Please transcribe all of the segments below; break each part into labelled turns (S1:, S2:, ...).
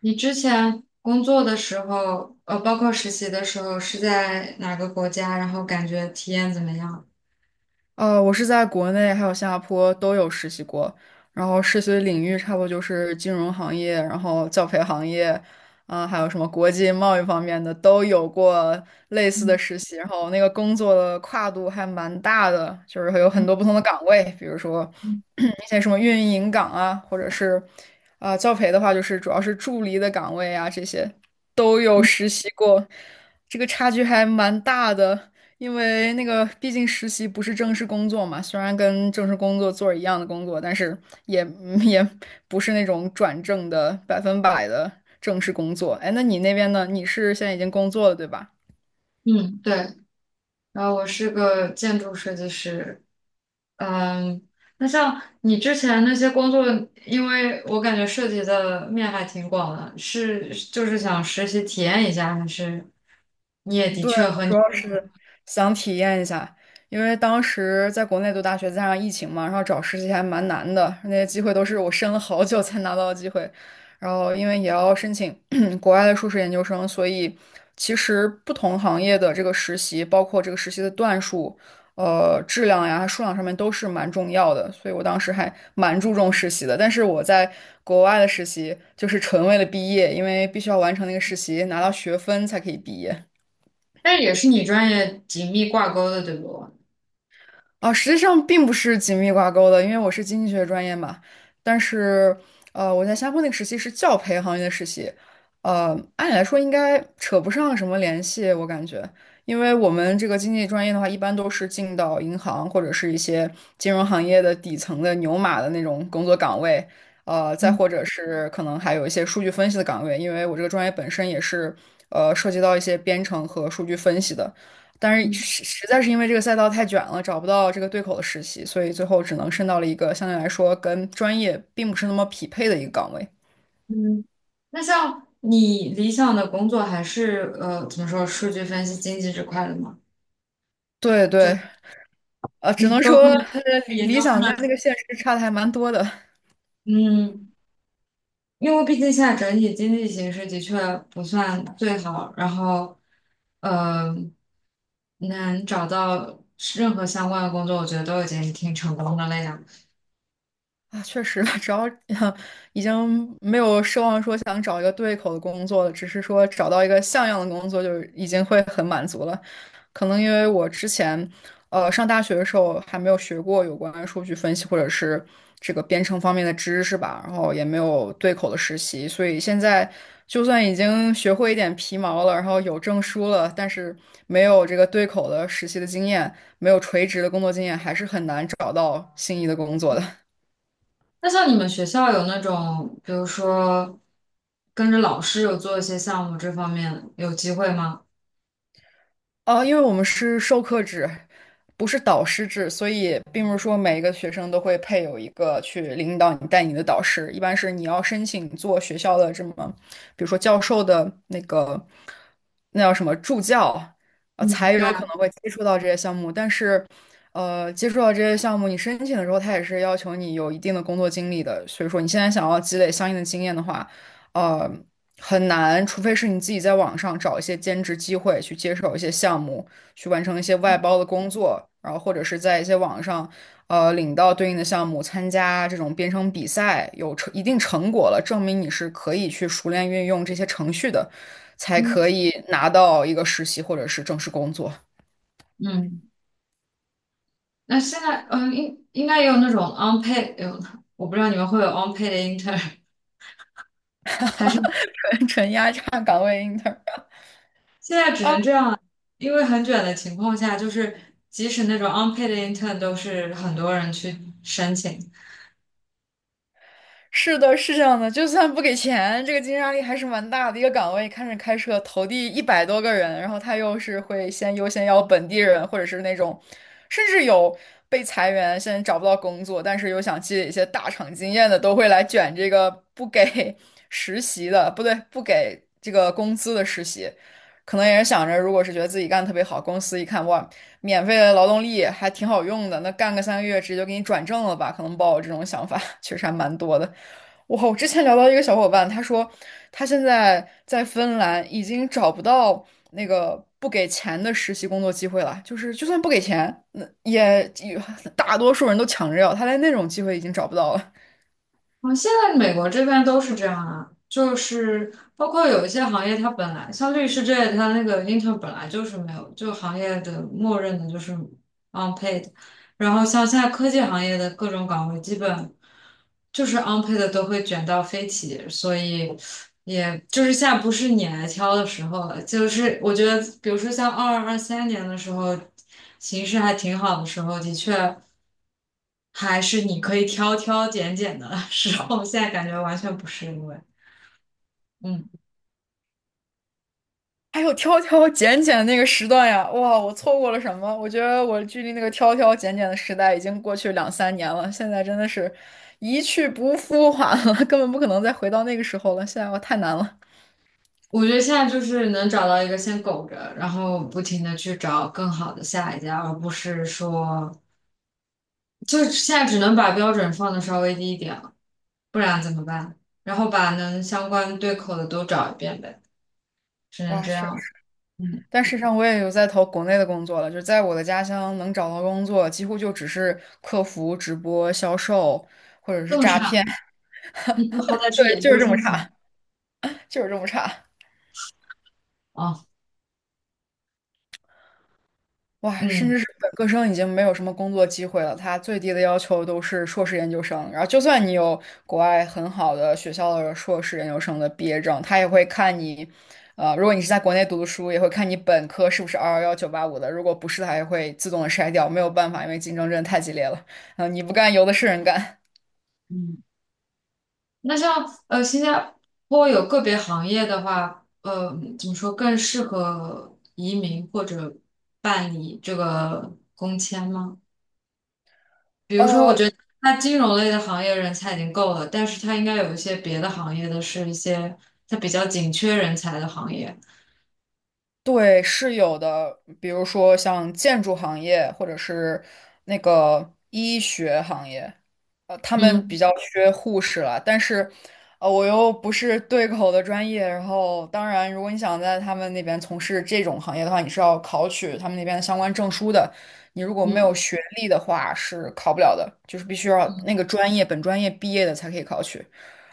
S1: 你之前工作的时候，包括实习的时候是在哪个国家？然后感觉体验怎么样？
S2: 我是在国内还有新加坡都有实习过，然后实习的领域差不多就是金融行业，然后教培行业，啊、还有什么国际贸易方面的都有过类似的实习，然后那个工作的跨度还蛮大的，就是会有很多不同的岗位，比如说
S1: 嗯
S2: 一些什么运营岗啊，或者是啊、教培的话，就是主要是助理的岗位啊，这些都有
S1: 嗯，
S2: 实习过，这个差距还蛮大的。因为那个毕竟实习不是正式工作嘛，虽然跟正式工作做一样的工作，但是也不是那种转正的百分百的正式工作。哎，那你那边呢？你是现在已经工作了，对吧？
S1: 嗯，对。然后我是个建筑设计师。嗯，那像你之前那些工作，因为我感觉涉及的面还挺广的，是就是想实习体验一下，还是你也的
S2: 对，
S1: 确
S2: 我
S1: 和
S2: 主
S1: 你，
S2: 要是想体验一下，因为当时在国内读大学，加上疫情嘛，然后找实习还蛮难的，那些机会都是我申了好久才拿到的机会。然后因为也要申请 国外的硕士研究生，所以其实不同行业的这个实习，包括这个实习的段数、质量呀、数量上面都是蛮重要的。所以我当时还蛮注重实习的，但是我在国外的实习就是纯为了毕业，因为必须要完成那个实习，拿到学分才可以毕业。
S1: 但也是你专业紧密挂钩的，对不？
S2: 啊，实际上并不是紧密挂钩的，因为我是经济学专业嘛。但是，我在新加坡那个实习是教培行业的实习，按理来说应该扯不上什么联系，我感觉，因为我们这个经济专业的话，一般都是进到银行或者是一些金融行业的底层的牛马的那种工作岗位，再
S1: 嗯
S2: 或者是可能还有一些数据分析的岗位，因为我这个专业本身也是，涉及到一些编程和数据分析的。但是
S1: 嗯
S2: 实实在是因为这个赛道太卷了，找不到这个对口的实习，所以最后只能申到了一个相对来说跟专业并不是那么匹配的一个岗位。
S1: 嗯，那像你理想的工作还是怎么说数据分析经济这块的吗？
S2: 对对，只
S1: 你
S2: 能
S1: 包
S2: 说
S1: 括你研
S2: 理理
S1: 究生
S2: 想
S1: 的，
S2: 跟那个现实差的还蛮多的。
S1: 嗯，因为毕竟现在整体经济形势的确不算最好，然后呃能找到任何相关的工作，我觉得都已经挺成功的了呀。
S2: 啊，确实，只要 已经没有奢望说想找一个对口的工作了，只是说找到一个像样的工作，就已经会很满足了。可能因为我之前，上大学的时候还没有学过有关数据分析或者是这个编程方面的知识吧，然后也没有对口的实习，所以现在就算已经学会一点皮毛了，然后有证书了，但是没有这个对口的实习的经验，没有垂直的工作经验，还是很难找到心仪的工作的。
S1: 那像你们学校有那种，比如说跟着老师有做一些项目这方面，有机会吗？
S2: 哦，因为我们是授课制，不是导师制，所以并不是说每一个学生都会配有一个去领导你、带你的导师。一般是你要申请做学校的这么，比如说教授的那个，那叫什么助教，
S1: 嗯，
S2: 才
S1: 对
S2: 有可
S1: 啊，
S2: 能会接触到这些项目。但是，接触到这些项目，你申请的时候，他也是要求你有一定的工作经历的。所以说，你现在想要积累相应的经验的话，呃。很难，除非是你自己在网上找一些兼职机会，去接手一些项目，去完成一些外包的工作，然后或者是在一些网上，领到对应的项目，参加这种编程比赛，有成一定成果了，证明你是可以去熟练运用这些程序的，才
S1: 嗯
S2: 可以拿到一个实习或者是正式工作，
S1: 嗯。那现在，嗯，应该也有那种 unpaid,有，我不知道你们会有 unpaid 的 intern,
S2: 纯纯压榨岗位 inter。
S1: 现在只能这样了，因为很卷的情况下，就是即使那种 unpaid 的 intern 都是很多人去申请，
S2: 是的，是这样的，就算不给钱，这个竞争压力还是蛮大的。一个岗位看着开设投递100多个人，然后他又是会先优先要本地人，或者是那种，甚至有被裁员，现在找不到工作，但是又想积累一些大厂经验的，都会来卷这个不给 实习的，不对，不给这个工资的实习。可能也是想着，如果是觉得自己干的特别好，公司一看哇，免费的劳动力还挺好用的，那干个3个月直接就给你转正了吧？可能抱有这种想法 确实还蛮多的。哇，我之前聊到一个小伙伴，他说他现在在芬兰已经找不到那个不给钱的实习工作机会了，就是就算不给钱，那也大多数人都抢着要，他连那种机会已经找不到了。
S1: 啊，现在美国这边都是这样啊，就是包括有一些行业，它本来像律师这类它那个 intern 本来就是没有，就行业的默认的就是 unpaid,然后像现在科技行业的各种岗位，基本就是 unpaid 的都会卷到飞起，所以也就是现在不是你来挑的时候了，就是我觉得，比如说像二二二三年的时候，形势还挺好的时候，的确。还是你可以挑挑拣拣的时候，现在感觉完全不是因为，嗯，
S2: 还有挑挑拣拣那个时段呀，哇，我错过了什么？我觉得我距离那个挑挑拣拣的时代已经过去2、3年了，现在真的是一去不复返了，根本不可能再回到那个时候了，现在我太难了。
S1: 我觉得现在就是能找到一个先苟着，然后不停的去找更好的下一家，而不是说，就现在只能把标准放的稍微低一点了，不然怎么办？然后把能相关对口的都找一遍呗，只能
S2: 哇，
S1: 这样。嗯，
S2: 但事实上，我也有在投国内的工作了，就是在我的家乡能找到工作，几乎就只是客服、直播、销售，或者是
S1: 这么
S2: 诈
S1: 差，
S2: 骗，
S1: 你不好歹 是
S2: 对，
S1: 研
S2: 就是
S1: 究
S2: 这么
S1: 生行
S2: 差，
S1: 吗？
S2: 就是这么差。
S1: 哦，
S2: 哇，甚至
S1: 嗯
S2: 是本科生已经没有什么工作机会了，他最低的要求都是硕士研究生。然后，就算你有国外很好的学校的硕士研究生的毕业证，他也会看你，如果你是在国内读的书，也会看你本科是不是211/985的，如果不是，他也会自动的筛掉，没有办法，因为竞争真的太激烈了。嗯、你不干，有的是人干。
S1: 嗯。那像新加坡有个别行业的话，怎么说更适合移民或者办理这个工签吗？比如说，我
S2: 呃。
S1: 觉得它金融类的行业人才已经够了，但是它应该有一些别的行业的是一些它比较紧缺人才的行业。
S2: 对，是有的，比如说像建筑行业或者是那个医学行业，他们
S1: 嗯
S2: 比较缺护士了。但是，我又不是对口的专业，然后当然，如果你想在他们那边从事这种行业的话，你是要考取他们那边的相关证书的。你如果没
S1: 嗯
S2: 有学历的话，是考不了的，就是必须要
S1: 嗯，
S2: 那个专业本专业毕业的才可以考取。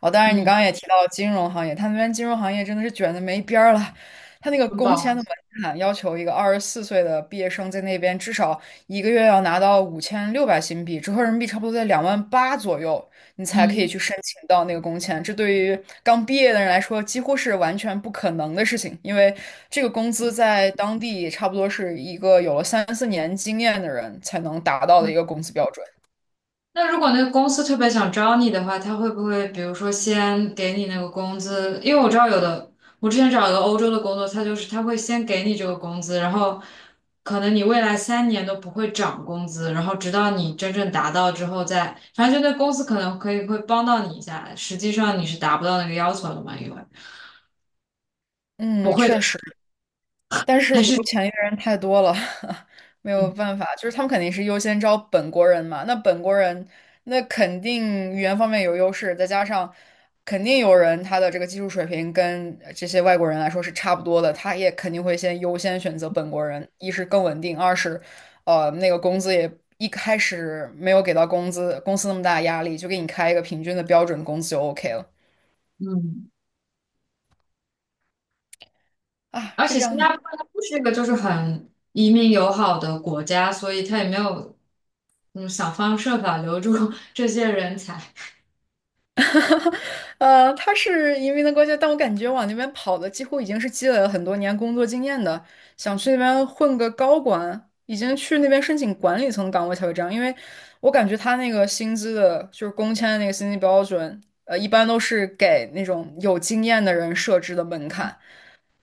S2: 哦，当然，你刚
S1: 嗯，
S2: 刚也提到金融行业，他们那边金融行业真的是卷的没边儿了。他那个
S1: 很
S2: 工
S1: 饱
S2: 签
S1: 和。
S2: 的门槛要求一个24岁的毕业生在那边至少一个月要拿到5600新币，折合人民币差不多在2万8左右，你才可以去申请到那个工签。这对于刚毕业的人来说，几乎是完全不可能的事情，因为这个工资在当地差不多是一个有了3、4年经验的人才能达到的一个工资标准。
S1: 那如果那个公司特别想招你的话，他会不会比如说先给你那个工资？因为我知道有的，我之前找一个欧洲的工作，他就是他会先给你这个工资，然后可能你未来三年都不会涨工资，然后直到你真正达到之后再，反正就那公司可能可以会帮到你一下，实际上你是达不到那个要求的嘛，因为不
S2: 嗯，
S1: 会的
S2: 确
S1: 事
S2: 实。但
S1: 还
S2: 是
S1: 是
S2: 有钱的人太多了，没有办法，就是他们肯定是优先招本国人嘛。那本国人，那肯定语言方面有优势，再加上肯定有人他的这个技术水平跟这些外国人来说是差不多的，他也肯定会先优先选择本国人，一是更稳定，二是那个工资也一开始没有给到工资公司那么大的压力，就给你开一个平均的标准工资就 OK 了
S1: 嗯嗯。
S2: 啊，
S1: 而
S2: 是
S1: 且
S2: 这
S1: 新
S2: 样的。
S1: 加坡它不是一个就是很移民友好的国家，所以它也没有想方设法留住 这些人才。
S2: 他是移民的国家，但我感觉往那边跑的几乎已经是积累了很多年工作经验的，想去那边混个高管，已经去那边申请管理层岗位才会这样。因为我感觉他那个薪资的，就是工签的那个薪资标准，一般都是给那种有经验的人设置的门槛，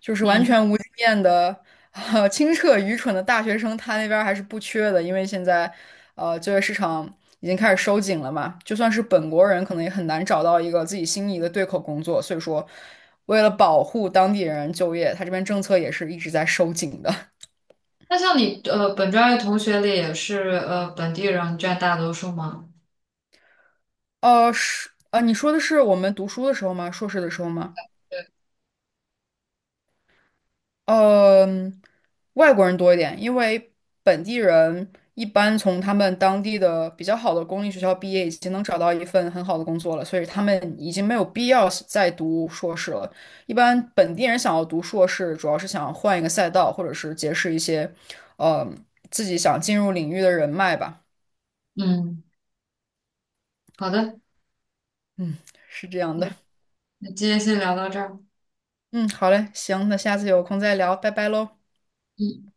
S2: 就是完
S1: 嗯，
S2: 全无经验的。清澈愚蠢的大学生，他那边儿还是不缺的，因为现在，就业市场已经开始收紧了嘛，就算是本国人，可能也很难找到一个自己心仪的对口工作，所以说，为了保护当地人就业，他这边政策也是一直在收紧的。
S1: 那像你本专业同学里也是本地人占大多数吗？
S2: 是，你说的是我们读书的时候吗？硕士的时候吗？
S1: 对，
S2: 嗯，外国人多一点，因为本地人一般从他们当地的比较好的公立学校毕业，已经能找到一份很好的工作了，所以他们已经没有必要是再读硕士了。一般本地人想要读硕士，主要是想换一个赛道，或者是结识一些，呃，自己想进入领域的人脉吧。
S1: 嗯，好的，
S2: 嗯，是这样的。
S1: 那今天先聊到这儿。
S2: 嗯，好嘞，行，那下次有空再聊，拜拜喽。
S1: 嗯。